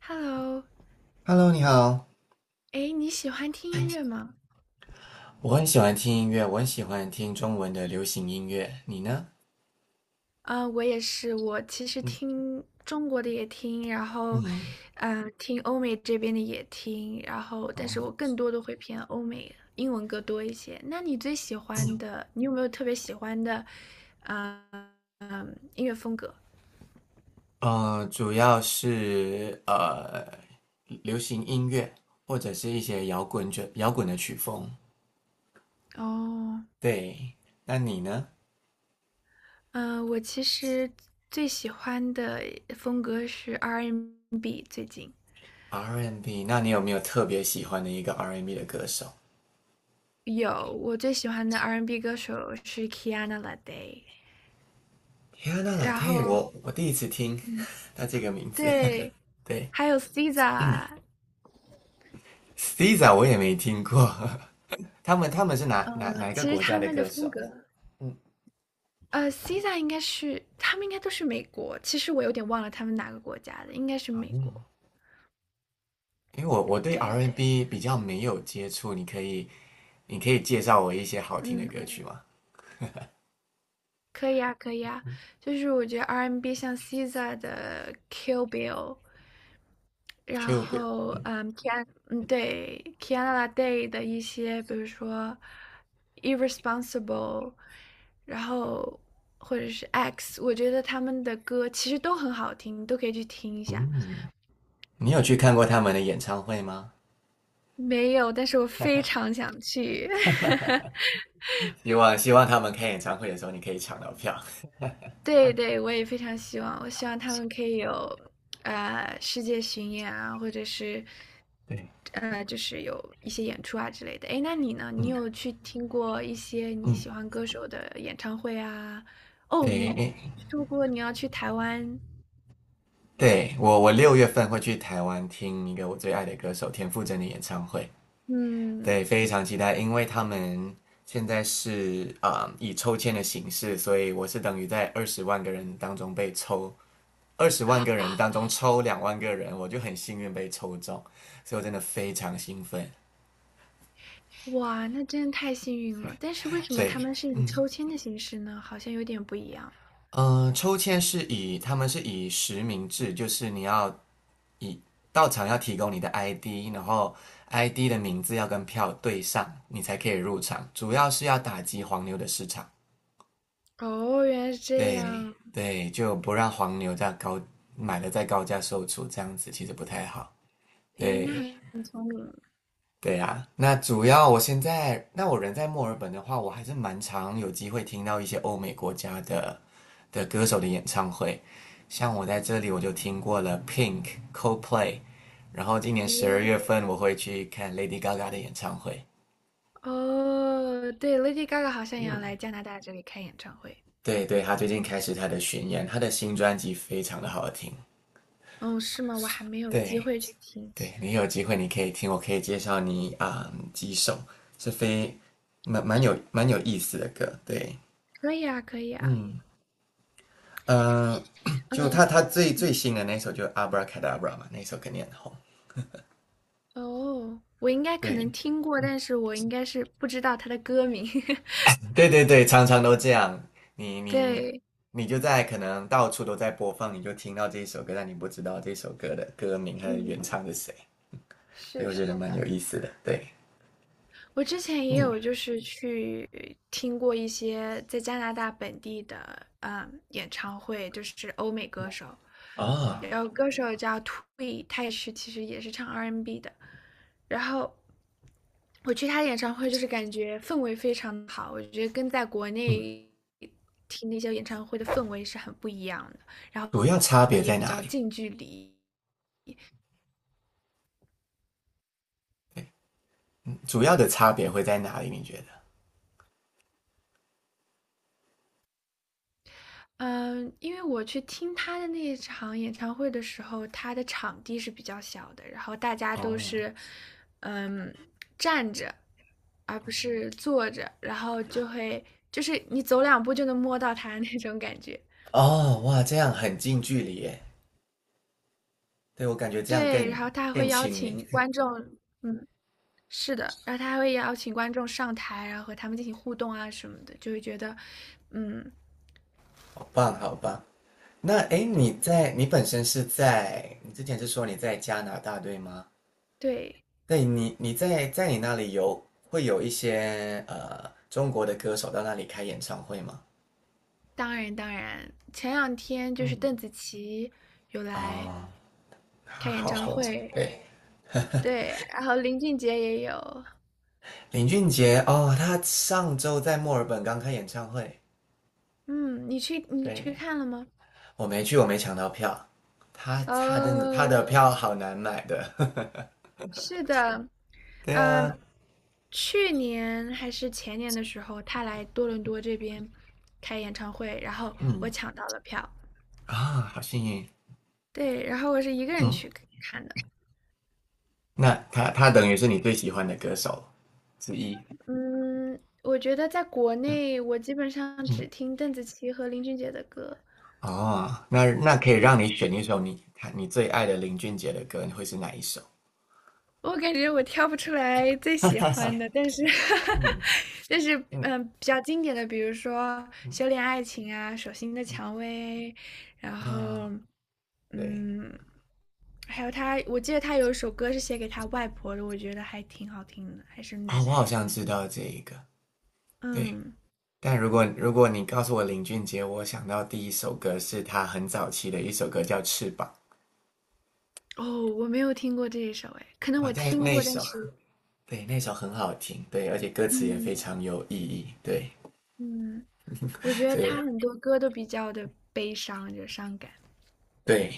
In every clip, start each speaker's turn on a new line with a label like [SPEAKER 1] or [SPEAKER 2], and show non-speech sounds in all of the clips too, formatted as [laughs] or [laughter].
[SPEAKER 1] Hello，
[SPEAKER 2] Hello，你好。
[SPEAKER 1] 哎，你喜欢听音乐
[SPEAKER 2] 嗯
[SPEAKER 1] 吗？
[SPEAKER 2] 我很喜欢听音乐，我很喜欢听中文的流行音乐。你呢？
[SPEAKER 1] 啊、我也是，我其实
[SPEAKER 2] 你
[SPEAKER 1] 听中国的也听，然后，
[SPEAKER 2] 嗯，
[SPEAKER 1] 听欧美这边的也听，然后，但是
[SPEAKER 2] 哦，
[SPEAKER 1] 我更多的会偏欧美英文歌多一些。那你最喜欢的，你有没有特别喜欢的，啊、音乐风格？
[SPEAKER 2] 主要是流行音乐，或者是一些摇滚的曲风。
[SPEAKER 1] 哦，
[SPEAKER 2] 对，那你呢
[SPEAKER 1] 嗯、我其实最喜欢的风格是 R&B，最近
[SPEAKER 2] ？R&B，那你有没有特别喜欢的一个 R&B 的歌手
[SPEAKER 1] 有我最喜欢的 R&B 歌手是 Kiana l a d a y
[SPEAKER 2] ？Rihanna l
[SPEAKER 1] 然
[SPEAKER 2] a
[SPEAKER 1] 后，
[SPEAKER 2] 我第一次听
[SPEAKER 1] 嗯，
[SPEAKER 2] [laughs] 他这个名字。
[SPEAKER 1] 对，
[SPEAKER 2] [laughs] 对
[SPEAKER 1] 还有 SZA，
[SPEAKER 2] s t i z a 我也没听过。[laughs] 他们是哪哪哪一个
[SPEAKER 1] 其实
[SPEAKER 2] 国家
[SPEAKER 1] 他
[SPEAKER 2] 的
[SPEAKER 1] 们的
[SPEAKER 2] 歌
[SPEAKER 1] 风
[SPEAKER 2] 手？
[SPEAKER 1] 格，SZA 应该是他们应该都是美国，其实我有点忘了他们哪个国家的，应该是
[SPEAKER 2] 好
[SPEAKER 1] 美国。
[SPEAKER 2] 因为我对
[SPEAKER 1] 对，
[SPEAKER 2] R&B N 比较没有接触，你可以介绍我一些好听的
[SPEAKER 1] 嗯，
[SPEAKER 2] 歌曲吗
[SPEAKER 1] 可以啊，可以啊，就是我觉得 R&B 像 SZA 的 Kill Bill，然
[SPEAKER 2] ？Cube，
[SPEAKER 1] 后，嗯，嗯，对，Kiana Day 的一些，比如说《Irresponsible》，然后或者是《X》，我觉得他们的歌其实都很好听，你都可以去听一下。
[SPEAKER 2] 你有去看过他们的演唱会吗？
[SPEAKER 1] 没有，但是我非常想去。[laughs]
[SPEAKER 2] 希望他们开演唱会的时候，你可以抢到票。
[SPEAKER 1] 对对，我也非常希望，我希望他们可以有世界巡演啊，或者是
[SPEAKER 2] 对，
[SPEAKER 1] 就是有一些演出啊之类的。诶，那你呢？你
[SPEAKER 2] 嗯
[SPEAKER 1] 有去听过一些你
[SPEAKER 2] 嗯，
[SPEAKER 1] 喜欢歌手的演唱会啊？哦，
[SPEAKER 2] 对，
[SPEAKER 1] 你
[SPEAKER 2] 诶
[SPEAKER 1] 说过你要去台湾，
[SPEAKER 2] 对我6月份会去台湾听一个我最爱的歌手田馥甄的演唱会，
[SPEAKER 1] 嗯，
[SPEAKER 2] 对，非常期待，因为他们现在是啊、以抽签的形式，所以我是等于在二十万个人当中被抽二十万个人当中抽2万个人，我就很幸运被抽中，所以我真的非常兴奋。
[SPEAKER 1] 哇，那真的太幸运了。但是为什么
[SPEAKER 2] 对，
[SPEAKER 1] 他们是以抽签的形式呢？好像有点不一样。
[SPEAKER 2] 抽签是以他们是以实名制，就是你要以到场要提供你的 ID，然后 ID 的名字要跟票对上，你才可以入场。主要是要打击黄牛的市场，
[SPEAKER 1] 哦，原来是这
[SPEAKER 2] 对
[SPEAKER 1] 样。
[SPEAKER 2] 对，就不让黄牛买了再高价售出，这样子其实不太好。
[SPEAKER 1] 诶，那
[SPEAKER 2] 对，
[SPEAKER 1] 很
[SPEAKER 2] 对呀，那主要我现在，那我人在墨尔本的话，我还是蛮常有机会听到一些欧美国家的歌手的演唱会。像我在这里，我就听过了 Pink、Coldplay，然后今年十二月
[SPEAKER 1] 哦。
[SPEAKER 2] 份我会去看 Lady Gaga 的演唱会。
[SPEAKER 1] 哦，对，Lady Gaga 好像也要来加拿大这里开演唱会。
[SPEAKER 2] 对对，她最近开始她的巡演，她的新专辑非常的好听。
[SPEAKER 1] 哦，是吗？我还没有机
[SPEAKER 2] 对
[SPEAKER 1] 会去听。
[SPEAKER 2] 对，你有机会你可以听，我可以介绍你啊、几首是非蛮蛮有蛮有意思的歌。对，
[SPEAKER 1] 可以啊，可以啊。
[SPEAKER 2] 嗯。嗯，[coughs] 就
[SPEAKER 1] 嗯，
[SPEAKER 2] 他最新的那首就《Abra Cadabra》嘛，那首肯定很红。
[SPEAKER 1] 哦，我应该可能
[SPEAKER 2] 对，
[SPEAKER 1] 听过，但是我应该是不知道他的歌名。[laughs]
[SPEAKER 2] 对对对，常常都这样。你你你
[SPEAKER 1] 对，
[SPEAKER 2] 你就在可能到处都在播放，你就听到这一首歌，但你不知道这首歌的歌名和原
[SPEAKER 1] 嗯，
[SPEAKER 2] 唱是谁。对，
[SPEAKER 1] 是
[SPEAKER 2] 我觉
[SPEAKER 1] 的。
[SPEAKER 2] 得蛮有意思的。对，
[SPEAKER 1] 我之前也
[SPEAKER 2] 嗯
[SPEAKER 1] 有就是去听过一些在加拿大本地的演唱会，就是欧美歌手，
[SPEAKER 2] 啊，
[SPEAKER 1] 有歌手叫 Twee，他也是其实也是唱 R&B 的，然后我去他的演唱会就是感觉氛围非常好，我觉得跟在国
[SPEAKER 2] 嗯，
[SPEAKER 1] 内听那些演唱会的氛围是很不一样的，然
[SPEAKER 2] 主要差
[SPEAKER 1] 后
[SPEAKER 2] 别
[SPEAKER 1] 也
[SPEAKER 2] 在
[SPEAKER 1] 比
[SPEAKER 2] 哪
[SPEAKER 1] 较
[SPEAKER 2] 里？
[SPEAKER 1] 近距离。
[SPEAKER 2] 主要的差别会在哪里？你觉得？
[SPEAKER 1] 嗯，因为我去听他的那一场演唱会的时候，他的场地是比较小的，然后大家都
[SPEAKER 2] 哦
[SPEAKER 1] 是，嗯，站着，而不是坐着，然后就会就是你走两步就能摸到他那种感觉。
[SPEAKER 2] 哦，哇，这样很近距离耶。对我感觉这样
[SPEAKER 1] 对，
[SPEAKER 2] 更
[SPEAKER 1] 然后他还
[SPEAKER 2] 更
[SPEAKER 1] 会邀
[SPEAKER 2] 亲民，
[SPEAKER 1] 请观众，嗯，是的，然后他还会邀请观众上台，然后和他们进行互动啊什么的，就会觉得，嗯，
[SPEAKER 2] 好棒好棒。那诶，
[SPEAKER 1] 对
[SPEAKER 2] 你在你本身是在你之前是说你在加拿大对吗？
[SPEAKER 1] 对，
[SPEAKER 2] 对，你在你那里会有一些中国的歌手到那里开演唱会吗？
[SPEAKER 1] 当然当然，前两天就是
[SPEAKER 2] 嗯，
[SPEAKER 1] 邓紫棋有来。
[SPEAKER 2] 哦，他
[SPEAKER 1] 开演
[SPEAKER 2] 好
[SPEAKER 1] 唱
[SPEAKER 2] 红，
[SPEAKER 1] 会，
[SPEAKER 2] 对
[SPEAKER 1] 对，然后林俊杰也有，
[SPEAKER 2] 林俊杰哦，他上周在墨尔本刚开演唱会，
[SPEAKER 1] 嗯，你去
[SPEAKER 2] 对，
[SPEAKER 1] 看了吗？
[SPEAKER 2] 我没去，我没抢到票。他真的他的
[SPEAKER 1] 哦，
[SPEAKER 2] 票好难买的，
[SPEAKER 1] 是的，
[SPEAKER 2] [laughs] 对
[SPEAKER 1] 嗯，
[SPEAKER 2] 啊，
[SPEAKER 1] 去年还是前年的时候，他来多伦多这边开演唱会，然后我
[SPEAKER 2] 嗯
[SPEAKER 1] 抢到了票，
[SPEAKER 2] 好幸运，
[SPEAKER 1] 对，然后我是一个人去
[SPEAKER 2] 嗯。
[SPEAKER 1] 看的，
[SPEAKER 2] 那他等于是你最喜欢的歌手之一。
[SPEAKER 1] 嗯，我觉得在国内我基本上只
[SPEAKER 2] 嗯，
[SPEAKER 1] 听邓紫棋和林俊杰的歌，
[SPEAKER 2] 哦，那可以让你选一首你最爱的林俊杰的歌，你会是哪一首？
[SPEAKER 1] 我感觉我挑不出来最喜欢的，
[SPEAKER 2] [laughs]
[SPEAKER 1] 但是，
[SPEAKER 2] 嗯
[SPEAKER 1] [laughs] 但是，
[SPEAKER 2] 嗯
[SPEAKER 1] 比较经典的，比如说
[SPEAKER 2] 嗯
[SPEAKER 1] 《修炼爱情》啊，《手心的蔷薇》，然后，
[SPEAKER 2] 啊，对
[SPEAKER 1] 嗯，还有他，我记得他有一首歌是写给他外婆的，我觉得还挺好听的，还是奶
[SPEAKER 2] 啊、我好
[SPEAKER 1] 奶。
[SPEAKER 2] 像知道这一个。对，
[SPEAKER 1] 嗯，
[SPEAKER 2] 但如果你告诉我林俊杰，我想到第一首歌是他很早期的一首歌叫《翅膀》
[SPEAKER 1] 哦，我没有听过这一首，哎，可能
[SPEAKER 2] 啊、哦
[SPEAKER 1] 我
[SPEAKER 2] 那
[SPEAKER 1] 听
[SPEAKER 2] 那
[SPEAKER 1] 过，但
[SPEAKER 2] 首
[SPEAKER 1] 是，
[SPEAKER 2] 对，那首很好听，对，而且歌词也
[SPEAKER 1] 嗯
[SPEAKER 2] 非常有意义，对，
[SPEAKER 1] 嗯，我觉得
[SPEAKER 2] 所以
[SPEAKER 1] 他很多歌都比较的悲伤，就伤感。
[SPEAKER 2] 对，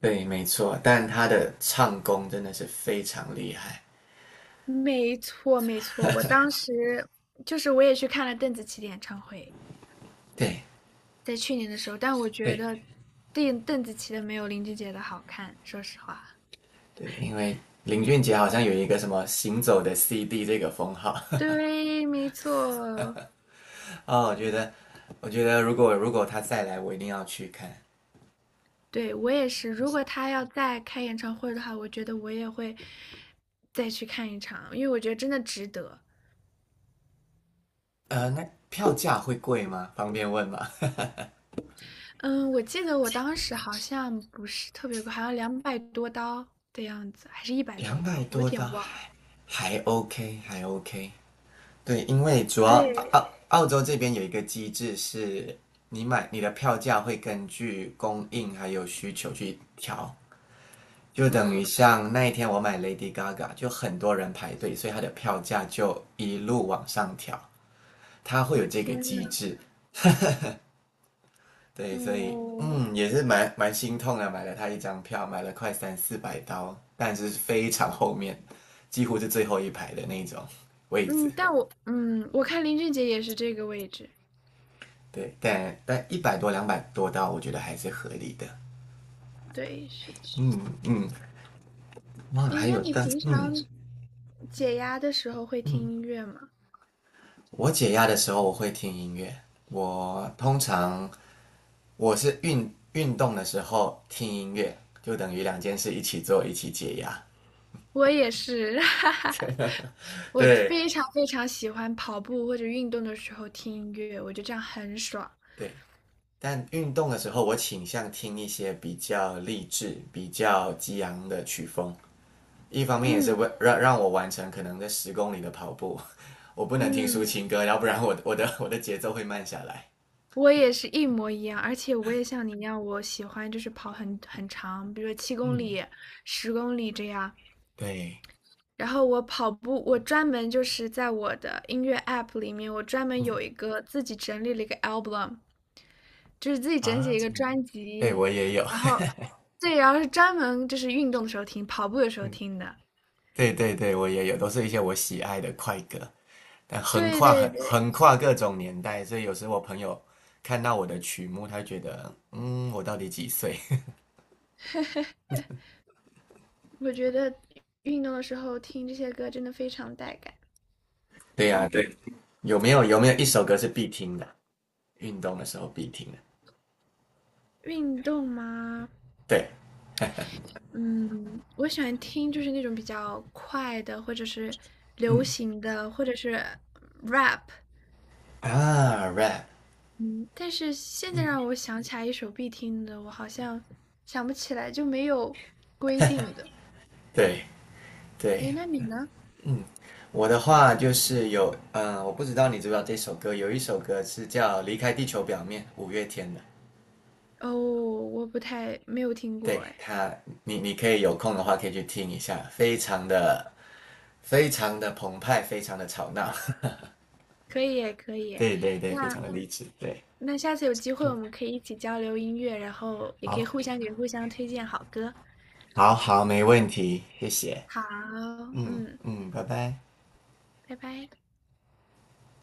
[SPEAKER 2] 对，没错，但他的唱功真的是非常厉害。
[SPEAKER 1] 没错，没错，我当时就是我也去看了邓紫棋的演唱会，
[SPEAKER 2] 对，
[SPEAKER 1] 在去年的时候，但我觉
[SPEAKER 2] 对，
[SPEAKER 1] 得邓紫棋的没有林俊杰的好看，说实话。
[SPEAKER 2] 对，因为林俊杰好像有一个什么"行走的 CD" 这个封号
[SPEAKER 1] 对，没错，
[SPEAKER 2] [laughs] 哦，我觉得，如果他再来，我一定要去看。
[SPEAKER 1] 对，我也是。如果他要再开演唱会的话，我觉得我也会再去看一场，因为我觉得真的值得。
[SPEAKER 2] 那票价会贵吗？方便问吗？
[SPEAKER 1] 嗯，我记得我当时好像不是特别贵，好像200多刀的样子，还是一
[SPEAKER 2] [laughs]
[SPEAKER 1] 百多
[SPEAKER 2] 两百
[SPEAKER 1] 刀，我有
[SPEAKER 2] 多刀
[SPEAKER 1] 点忘了。
[SPEAKER 2] 还 OK，还 OK。对，因为主要
[SPEAKER 1] 对，
[SPEAKER 2] 澳洲这边有一个机制是，你的票价会根据供应还有需求去调。就等于像那一天我买 Lady Gaga，就很多人排队，所以它的票价就一路往上调，它会有
[SPEAKER 1] 我
[SPEAKER 2] 这个
[SPEAKER 1] 天
[SPEAKER 2] 机
[SPEAKER 1] 呐，
[SPEAKER 2] 制。对，所以
[SPEAKER 1] 哦，
[SPEAKER 2] 也是蛮心痛的，买了它一张票，买了快三四百刀，但是非常后面，几乎是最后一排的那种位置。
[SPEAKER 1] 嗯，但我我看林俊杰也是这个位置。
[SPEAKER 2] 对，但100多、两百多刀，我觉得还是合理的。
[SPEAKER 1] 对，是的。
[SPEAKER 2] 嗯嗯，哇，
[SPEAKER 1] 哎，
[SPEAKER 2] 还
[SPEAKER 1] 那
[SPEAKER 2] 有
[SPEAKER 1] 你
[SPEAKER 2] 但
[SPEAKER 1] 平
[SPEAKER 2] 嗯
[SPEAKER 1] 常解压的时候会听
[SPEAKER 2] 嗯，
[SPEAKER 1] 音乐吗？
[SPEAKER 2] 我解压的时候我会听音乐，我通常我是运动的时候听音乐，就等于两件事一起做，一起解压。
[SPEAKER 1] 我也是，[laughs] 哈哈。
[SPEAKER 2] [laughs]
[SPEAKER 1] 我
[SPEAKER 2] 对
[SPEAKER 1] 非常非常喜欢跑步或者运动的时候听音乐，我觉得这样很爽。
[SPEAKER 2] 对，但运动的时候我倾向听一些比较励志、比较激昂的曲风，一方面也是
[SPEAKER 1] 嗯
[SPEAKER 2] 为让我完成可能在10公里的跑步，[laughs] 我不能听抒
[SPEAKER 1] 嗯，
[SPEAKER 2] 情歌，要不然我 [laughs] 我的节奏会慢下来。
[SPEAKER 1] 我也是一模一样，而且我也像你一样，我喜欢就是跑很长，比如说七公
[SPEAKER 2] 嗯，
[SPEAKER 1] 里、10公里这样。
[SPEAKER 2] 对，
[SPEAKER 1] 然后我跑步，我专门就是在我的音乐 app 里面，我专门有
[SPEAKER 2] 嗯
[SPEAKER 1] 一个自己整理了一个 album，就是自己整理一个
[SPEAKER 2] 嗯
[SPEAKER 1] 专
[SPEAKER 2] 对
[SPEAKER 1] 辑，
[SPEAKER 2] 我也有，
[SPEAKER 1] 然后对，然后是专门就是运动的时候听，跑步的时候听的。
[SPEAKER 2] 对对对，我也有，都是一些我喜爱的快歌，但
[SPEAKER 1] 对对对，
[SPEAKER 2] 横跨各种年代，所以有时我朋友看到我的曲目，他觉得，嗯，我到底几岁？
[SPEAKER 1] [laughs] 我觉得运动的时候听这些歌真的非常带感。
[SPEAKER 2] [laughs] 对呀，对，有没有一首歌是必听的？运动的时候必听的，
[SPEAKER 1] 运动吗？
[SPEAKER 2] 对，
[SPEAKER 1] 嗯，我喜欢听就是那种比较快的，或者是流
[SPEAKER 2] 嗯
[SPEAKER 1] 行的，或者是 rap，
[SPEAKER 2] rap，
[SPEAKER 1] 嗯，但是现在
[SPEAKER 2] 嗯，
[SPEAKER 1] 让我想起来一首必听的，我好像想不起来，就没有规定的。
[SPEAKER 2] 对对，
[SPEAKER 1] 诶，那你呢？
[SPEAKER 2] 嗯，我的话就是有，我不知道你知不知道这首歌，有一首歌是叫《离开地球表面》，五月天的。
[SPEAKER 1] 哦，我不太，没有听过，
[SPEAKER 2] 对
[SPEAKER 1] 诶，
[SPEAKER 2] 他，你可以有空的话可以去听一下，非常的非常的澎湃，非常的吵闹，
[SPEAKER 1] 可以耶，可以
[SPEAKER 2] [laughs]
[SPEAKER 1] 耶。
[SPEAKER 2] 对对对，非常
[SPEAKER 1] 那
[SPEAKER 2] 的励志，对，
[SPEAKER 1] 那下次有机会我们可以一起交流音乐，然后也可以
[SPEAKER 2] 好，
[SPEAKER 1] 互相给互相推荐好歌。
[SPEAKER 2] 好好，没问题，谢谢，
[SPEAKER 1] 好，
[SPEAKER 2] 嗯
[SPEAKER 1] 嗯，
[SPEAKER 2] 嗯，拜拜。
[SPEAKER 1] 拜拜。